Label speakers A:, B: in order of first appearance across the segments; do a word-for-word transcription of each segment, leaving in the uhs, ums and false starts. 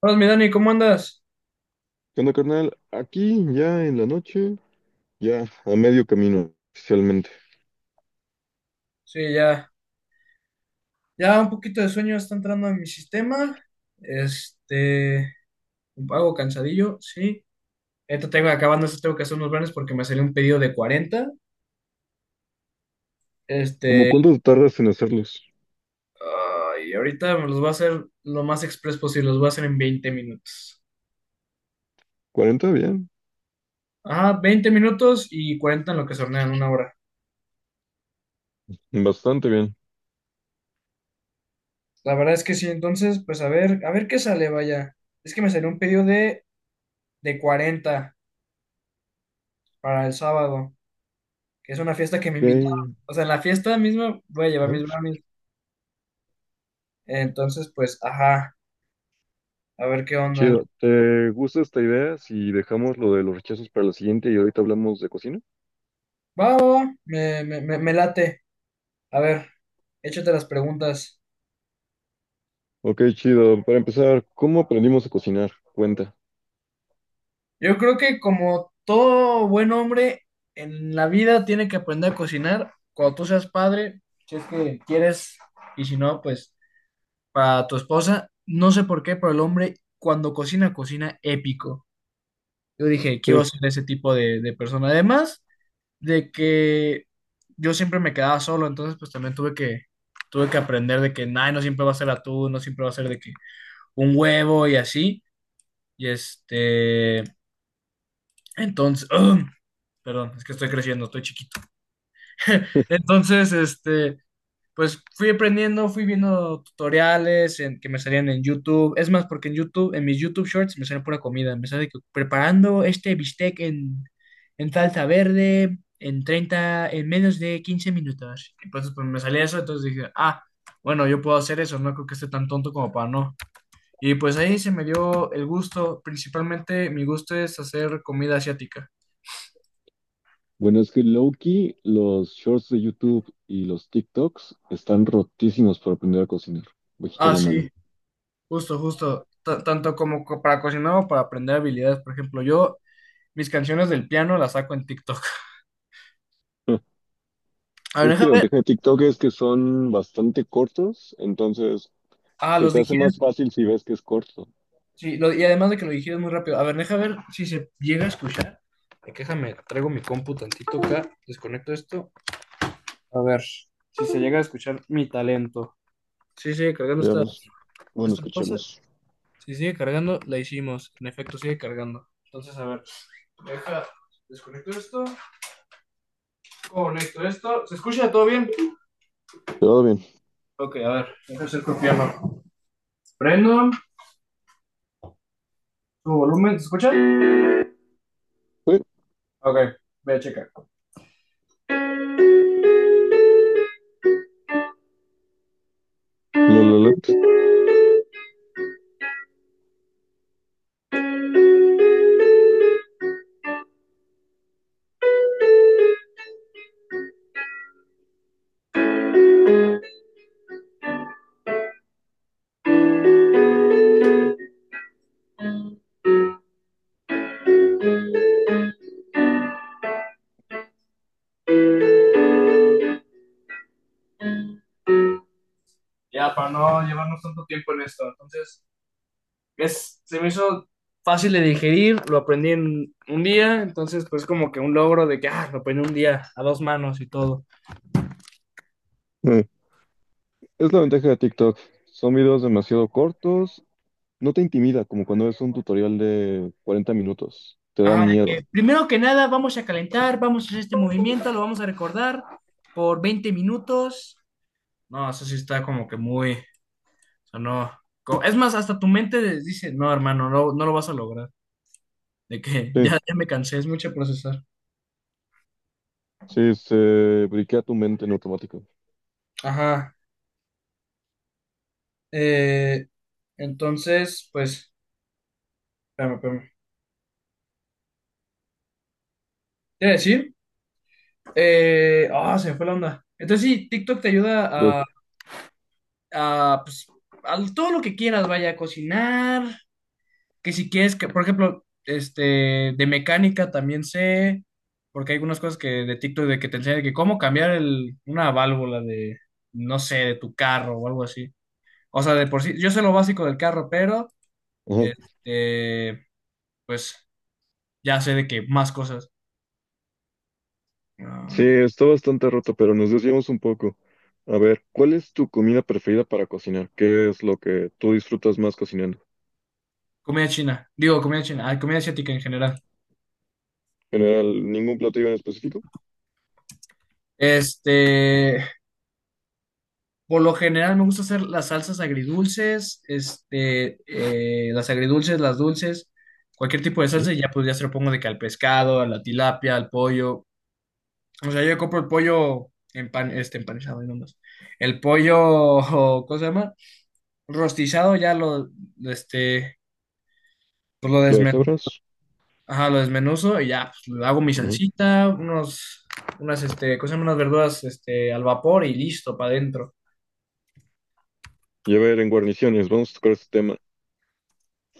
A: Hola, mi Dani, ¿cómo andas?
B: ¿Qué onda, carnal? Aquí, ya en la noche, ya a medio camino, oficialmente.
A: Sí, ya, ya un poquito de sueño está entrando en mi sistema. Este, un pago cansadillo, sí. Ahorita tengo, acabando esto, tengo que hacer unos planes porque me salió un pedido de cuarenta.
B: ¿Cómo
A: Este,
B: cuánto tardas en hacerlos?
A: y ahorita me los voy a hacer lo más express posible, los voy a hacer en veinte minutos.
B: ¿cuarenta? Bien.
A: Ah, veinte minutos y cuarenta en lo que se hornean, una hora.
B: Bastante bien.
A: La verdad es que sí, entonces, pues a ver, a ver qué sale, vaya. Es que me salió un pedido de, de cuarenta para el sábado, que es una fiesta que me invitaron.
B: Ok,
A: O sea, en la fiesta misma voy a llevar mis
B: ajá.
A: brownies. Entonces, pues, ajá, a ver qué onda.
B: Chido. ¿Te gusta esta idea si dejamos lo de los rechazos para la siguiente y ahorita hablamos de cocina?
A: Va, va, va, me, me, me, me late. A ver, échate las preguntas.
B: Ok, chido. Para empezar, ¿cómo aprendimos a cocinar? Cuenta.
A: Yo creo que como todo buen hombre en la vida tiene que aprender a cocinar cuando tú seas padre, si es que quieres, y si no, pues para tu esposa. No sé por qué, pero el hombre cuando cocina, cocina épico. Yo dije,
B: Sí.
A: quiero ser ese tipo de, de persona. Además, de que yo siempre me quedaba solo, entonces pues también tuve que, tuve que aprender de que, nada, no siempre va a ser atún, no siempre va a ser de que un huevo y así, y este, entonces, perdón, es que estoy creciendo, estoy chiquito. Entonces, este, pues fui aprendiendo, fui viendo tutoriales en, que me salían en YouTube. Es más, porque en YouTube, en mis YouTube Shorts me sale pura comida. Me sale que preparando este bistec en, en salsa verde en treinta en menos de quince minutos. Y pues, pues me salía eso, entonces dije, ah, bueno, yo puedo hacer eso, no creo que esté tan tonto como para no. Y pues ahí se me dio el gusto, principalmente mi gusto es hacer comida asiática.
B: Bueno, es que Loki, los shorts de YouTube y los TikToks están rotísimos para aprender a cocinar. Bajita
A: Ah,
B: la
A: sí,
B: mano.
A: justo, justo. T- tanto como co- para cocinar o para aprender habilidades. Por ejemplo, yo mis canciones del piano las saco en TikTok. A ver,
B: Es
A: deja
B: que la
A: ver.
B: ventaja de TikTok es que son bastante cortos, entonces
A: Ah,
B: se
A: los
B: te hace más
A: digieres.
B: fácil si ves que es corto.
A: Sí, lo- y además de que lo digieres muy rápido. A ver, deja ver si se llega a escuchar. Eh, que Déjame, traigo mi compu tantito acá, desconecto esto. A ver, si se llega a escuchar mi talento. Sí, sigue cargando esta,
B: Veamos. Bueno,
A: esta cosa.
B: escuchemos.
A: Si sigue cargando, la hicimos. En efecto, sigue cargando. Entonces, a ver, deja, desconecto esto, conecto esto. ¿Se escucha todo bien?
B: Todo bien.
A: Ok, a ver, deja hacer piano. Prendo, su volumen, ¿se escucha?
B: Uy,
A: Ok, voy a checar
B: lo, lo, lo.
A: ya para no llevarnos tanto tiempo en esto. Entonces, es, se me hizo fácil de digerir, lo aprendí en un día, entonces pues como que un logro de que, ah, lo aprendí un día a dos manos y todo.
B: Eh, Es la ventaja de TikTok. Son videos demasiado cortos. No te intimida como cuando ves un tutorial de cuarenta minutos. Te da
A: Ajá, de
B: miedo.
A: que primero que nada vamos a calentar, vamos a hacer este movimiento, lo vamos a recordar por veinte minutos. No, eso sí está como que muy, o sea, no. co- Es más, hasta tu mente de- dice, no, hermano, no, no lo vas a lograr. De que
B: Sí,
A: ya, ya me cansé, es mucho procesar.
B: sí, se briquea tu mente en automático.
A: Ajá. eh, entonces, pues espérame, espérame. Te iba a decir, eh, ah, se me fue la onda. Entonces sí, TikTok te
B: Lol.
A: ayuda a, a, pues, a todo lo que quieras, vaya a cocinar, que si quieres, que, por ejemplo, este, de mecánica también sé, porque hay algunas cosas que de TikTok de que te enseñan de que cómo cambiar el, una válvula de, no sé, de tu carro o algo así. O sea, de por sí, yo sé lo básico del carro, pero, este, pues, ya sé de que más cosas.
B: Sí,
A: Ah,
B: está bastante roto, pero nos desviamos un poco. A ver, ¿cuál es tu comida preferida para cocinar? ¿Qué es lo que tú disfrutas más cocinando?
A: comida china, digo, comida china, ah, comida asiática en general.
B: En general, ningún platillo en específico.
A: Este, por lo general me gusta hacer las salsas agridulces, este, eh, las agridulces, las dulces, cualquier tipo de
B: ¿Mm?
A: salsa y ya pues ya se lo pongo de que al pescado, a la tilapia, al pollo. O sea, yo compro el pollo empan, este, empanizado y nomás. El pollo, o, ¿cómo se llama? Rostizado, ya lo, este, pues lo
B: ¿Lo de
A: desmen,
B: cebras?
A: ajá, lo desmenuzo y ya pues, le hago mi
B: Ujú.
A: salsita, unos, unas, este, ¿cómo se llama? Unas verduras, este, al vapor y listo, para adentro.
B: Y a ver, en guarniciones, vamos a tocar este tema.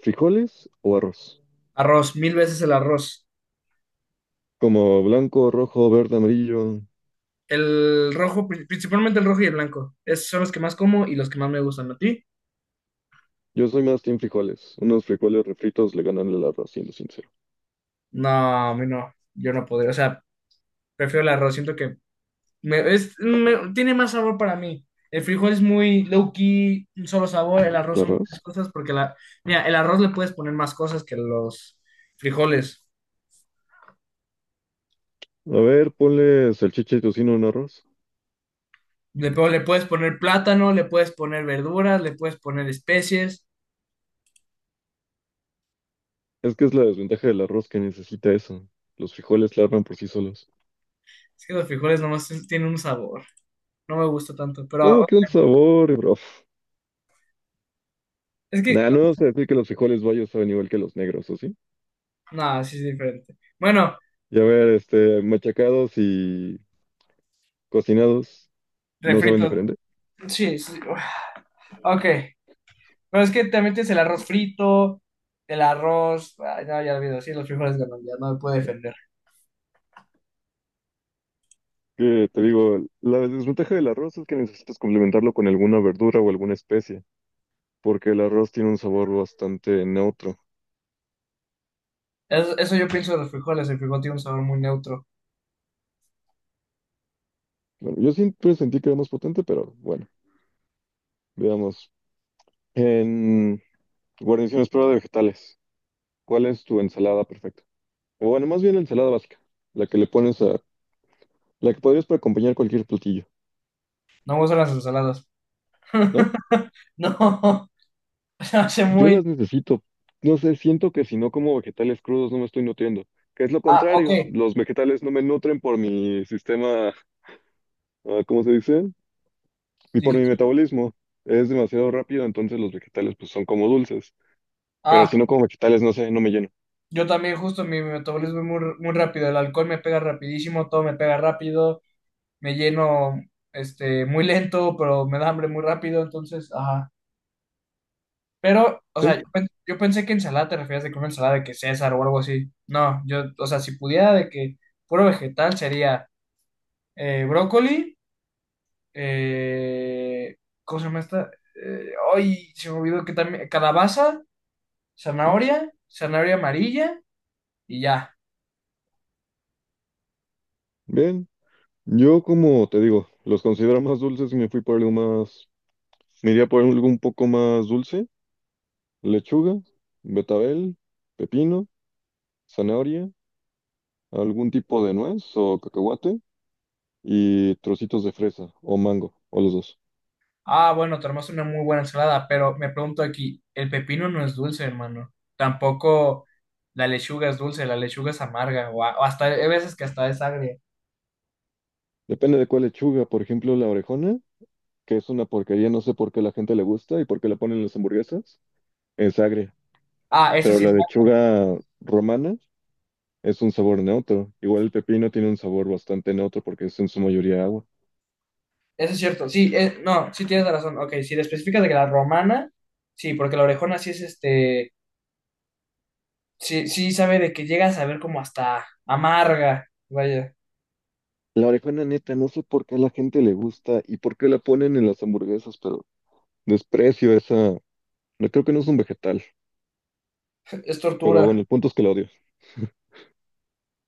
B: ¿Frijoles o arroz?
A: Arroz, mil veces el arroz.
B: Como blanco, rojo, verde, amarillo.
A: El rojo, pri- principalmente el rojo y el blanco. Esos son los que más como y los que más me gustan. ¿A ti?
B: Yo soy más team frijoles. Unos frijoles refritos le ganan el arroz, siendo sincero.
A: No, a mí no. Yo no podría. O sea, prefiero el arroz. Siento que me- es- me- tiene más sabor para mí. El frijol es muy low key, un solo sabor. El arroz
B: ¿El
A: son muchas
B: arroz?
A: cosas porque la, mira, el arroz le puedes poner más cosas que los frijoles.
B: A ver, ponle salchicha y tocino en arroz.
A: Le, po- le puedes poner plátano, le puedes poner verduras, le puedes poner especies.
B: Es que es la desventaja del arroz que necesita eso. Los frijoles larvan por sí solos.
A: Es que los frijoles nomás tienen un sabor. No me gusta tanto. Pero
B: ¿Cómo que un sabor, bro?
A: es que
B: Nah, no vamos a decir que los frijoles bayos saben igual que los negros, ¿o sí?
A: no, sí es diferente. Bueno,
B: Y a ver, este, machacados y cocinados no saben
A: refrito.
B: diferente.
A: Sí, sí. Uf, ok. Pero es que también tienes el arroz frito, el arroz. Ay, no, ya olvido. Sí, los frijoles ganan, ya no me puedo defender.
B: Que te digo, la desventaja del arroz es que necesitas complementarlo con alguna verdura o alguna especie, porque el arroz tiene un sabor bastante neutro.
A: Eso, eso yo pienso de los frijoles. El frijol tiene un sabor muy neutro.
B: Bueno, yo siempre sentí que era más potente, pero bueno, veamos. En guarniciones prueba de vegetales, ¿cuál es tu ensalada perfecta? O bueno, más bien la ensalada básica, la que le pones a, la que podrías para acompañar cualquier platillo.
A: No me gustan las ensaladas.
B: ¿No?
A: No, se hace
B: Yo
A: muy.
B: las necesito. No sé, siento que si no como vegetales crudos no me estoy nutriendo, que es lo
A: Ah, ok.
B: contrario. Los vegetales no me nutren por mi sistema, ah, ¿cómo se dice? Y por
A: Dije,
B: mi metabolismo. Es demasiado rápido, entonces los vegetales pues son como dulces. Pero
A: ah,
B: si no como vegetales, no sé, no me lleno.
A: yo también, justo mi metabolismo es muy, muy rápido. El alcohol me pega rapidísimo, todo me pega rápido. Me lleno este, muy lento, pero me da hambre muy rápido. Entonces, ajá. Pero, o sea,
B: ¿Sí?
A: yo, pen- yo pensé que ensalada te referías de que una ensalada de que César o algo así. No, yo, o sea, si pudiera de que puro vegetal sería eh, brócoli, eh, ¿cómo se llama esta? Eh, ay, se me olvidó que también, calabaza,
B: ¿Mm?
A: zanahoria, zanahoria amarilla y ya.
B: Bien. Yo como te digo, los considero más dulces y me fui por algo más, me iría por algo un poco más dulce. Lechuga, betabel, pepino, zanahoria, algún tipo de nuez o cacahuate. Y trocitos de fresa o mango, o los dos.
A: Ah, bueno, te armaste una muy buena ensalada, pero me pregunto aquí, el pepino no es dulce, hermano. Tampoco la lechuga es dulce, la lechuga es amarga, o, a- o hasta, hay veces que hasta es agria.
B: Depende de cuál lechuga, por ejemplo, la orejona, que es una porquería, no sé por qué a la gente le gusta y por qué la ponen en las hamburguesas, es agria,
A: Ah, eso
B: pero
A: sí.
B: la lechuga romana es un sabor neutro. Igual el pepino tiene un sabor bastante neutro porque es en su mayoría agua.
A: Eso es cierto, sí, eh, no, sí tienes razón. Ok, si le especificas de que la romana, sí, porque la orejona sí es este, sí, sí sabe de que llega a saber como hasta amarga, vaya,
B: La orejona neta, no sé por qué a la gente le gusta y por qué la ponen en las hamburguesas, pero desprecio esa, no creo que no es un vegetal,
A: es
B: pero bueno,
A: tortura.
B: el punto es que la odio.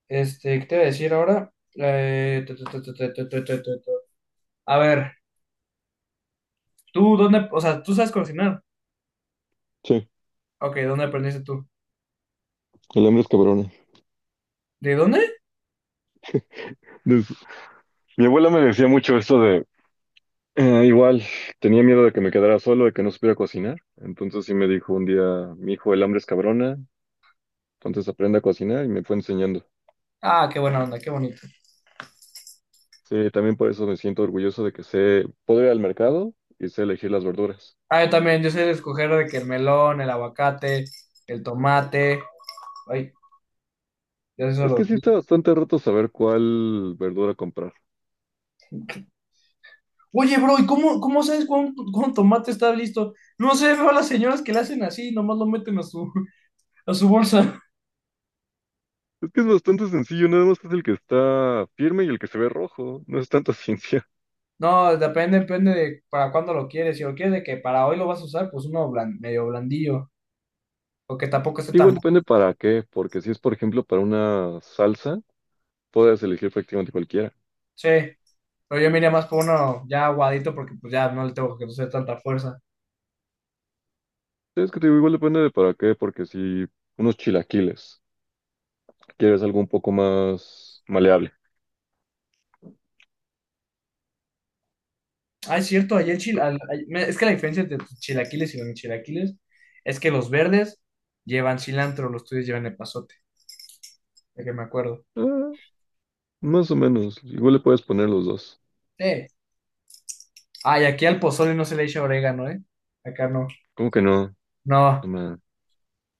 A: Este, ¿qué te voy a decir ahora? Eh, tu, tu, tu, tu, tu, tu, tu, tu, tu, tu. A ver, tú, ¿dónde, o sea, tú sabes cocinar?
B: Sí,
A: Ok, ¿dónde aprendiste tú?
B: el hambre es cabrona.
A: ¿De dónde?
B: Des- Mi abuela me decía mucho esto Eh, igual, tenía miedo de que me quedara solo, de que no supiera cocinar. Entonces sí me dijo un día, mi hijo, el hambre es cabrona, entonces aprende a cocinar y me fue enseñando.
A: Ah, qué buena onda, qué bonito.
B: Sí, también por eso me siento orgulloso de que sé, poder ir al mercado y sé elegir las verduras.
A: Ah, yo también, yo sé escoger de que el melón, el aguacate, el tomate, ay, ya sé
B: Es
A: solo.
B: que sí está bastante roto saber cuál verdura comprar.
A: Oye, bro, ¿y cómo, cómo sabes cuándo, cuándo tomate está listo? No sé, veo a las señoras que le hacen así, nomás lo meten a su, a su bolsa.
B: Es que es bastante sencillo, nada más es el que está firme y el que se ve rojo, no es tanta ciencia.
A: No, depende, depende de para cuándo lo quieres. Si lo quieres de que para hoy lo vas a usar, pues uno blan- medio blandillo, o que tampoco esté
B: Que igual
A: tan.
B: depende para qué, porque si es por ejemplo para una salsa, puedes elegir prácticamente cualquiera.
A: Sí, pero yo me iría más por uno ya aguadito porque pues ya no le tengo que hacer tanta fuerza.
B: Es que te digo, igual depende de para qué, porque si unos chilaquiles, quieres algo un poco más maleable.
A: Ah, es cierto, ayer chil... al- ay- me- es que la diferencia entre tus chilaquiles y los chilaquiles es que los verdes llevan cilantro, los tuyos llevan epazote, de que me acuerdo.
B: Ah, más o menos, igual le puedes poner los dos.
A: Sí. Ay, aquí al pozole no se le echa orégano, ¿eh? Acá no.
B: ¿Cómo que no? No
A: No,
B: ma-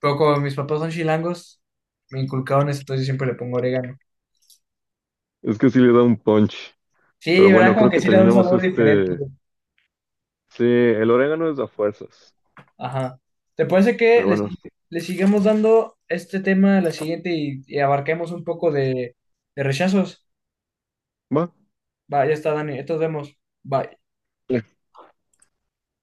A: pero como mis papás son chilangos, me inculcaron eso, entonces yo siempre le pongo orégano.
B: Es que sí le da un punch. Pero
A: Sí, ¿verdad?
B: bueno,
A: Como
B: creo
A: que
B: que
A: sí le da un
B: terminamos
A: sabor diferente.
B: este... Sí, el orégano es a fuerzas.
A: Ajá. ¿Te parece que
B: Pero
A: le,
B: bueno,
A: sig- le sigamos dando este tema a la siguiente y, y abarquemos un poco de, de rechazos?
B: va.
A: Va, ya está, Dani. Entonces vemos. Bye.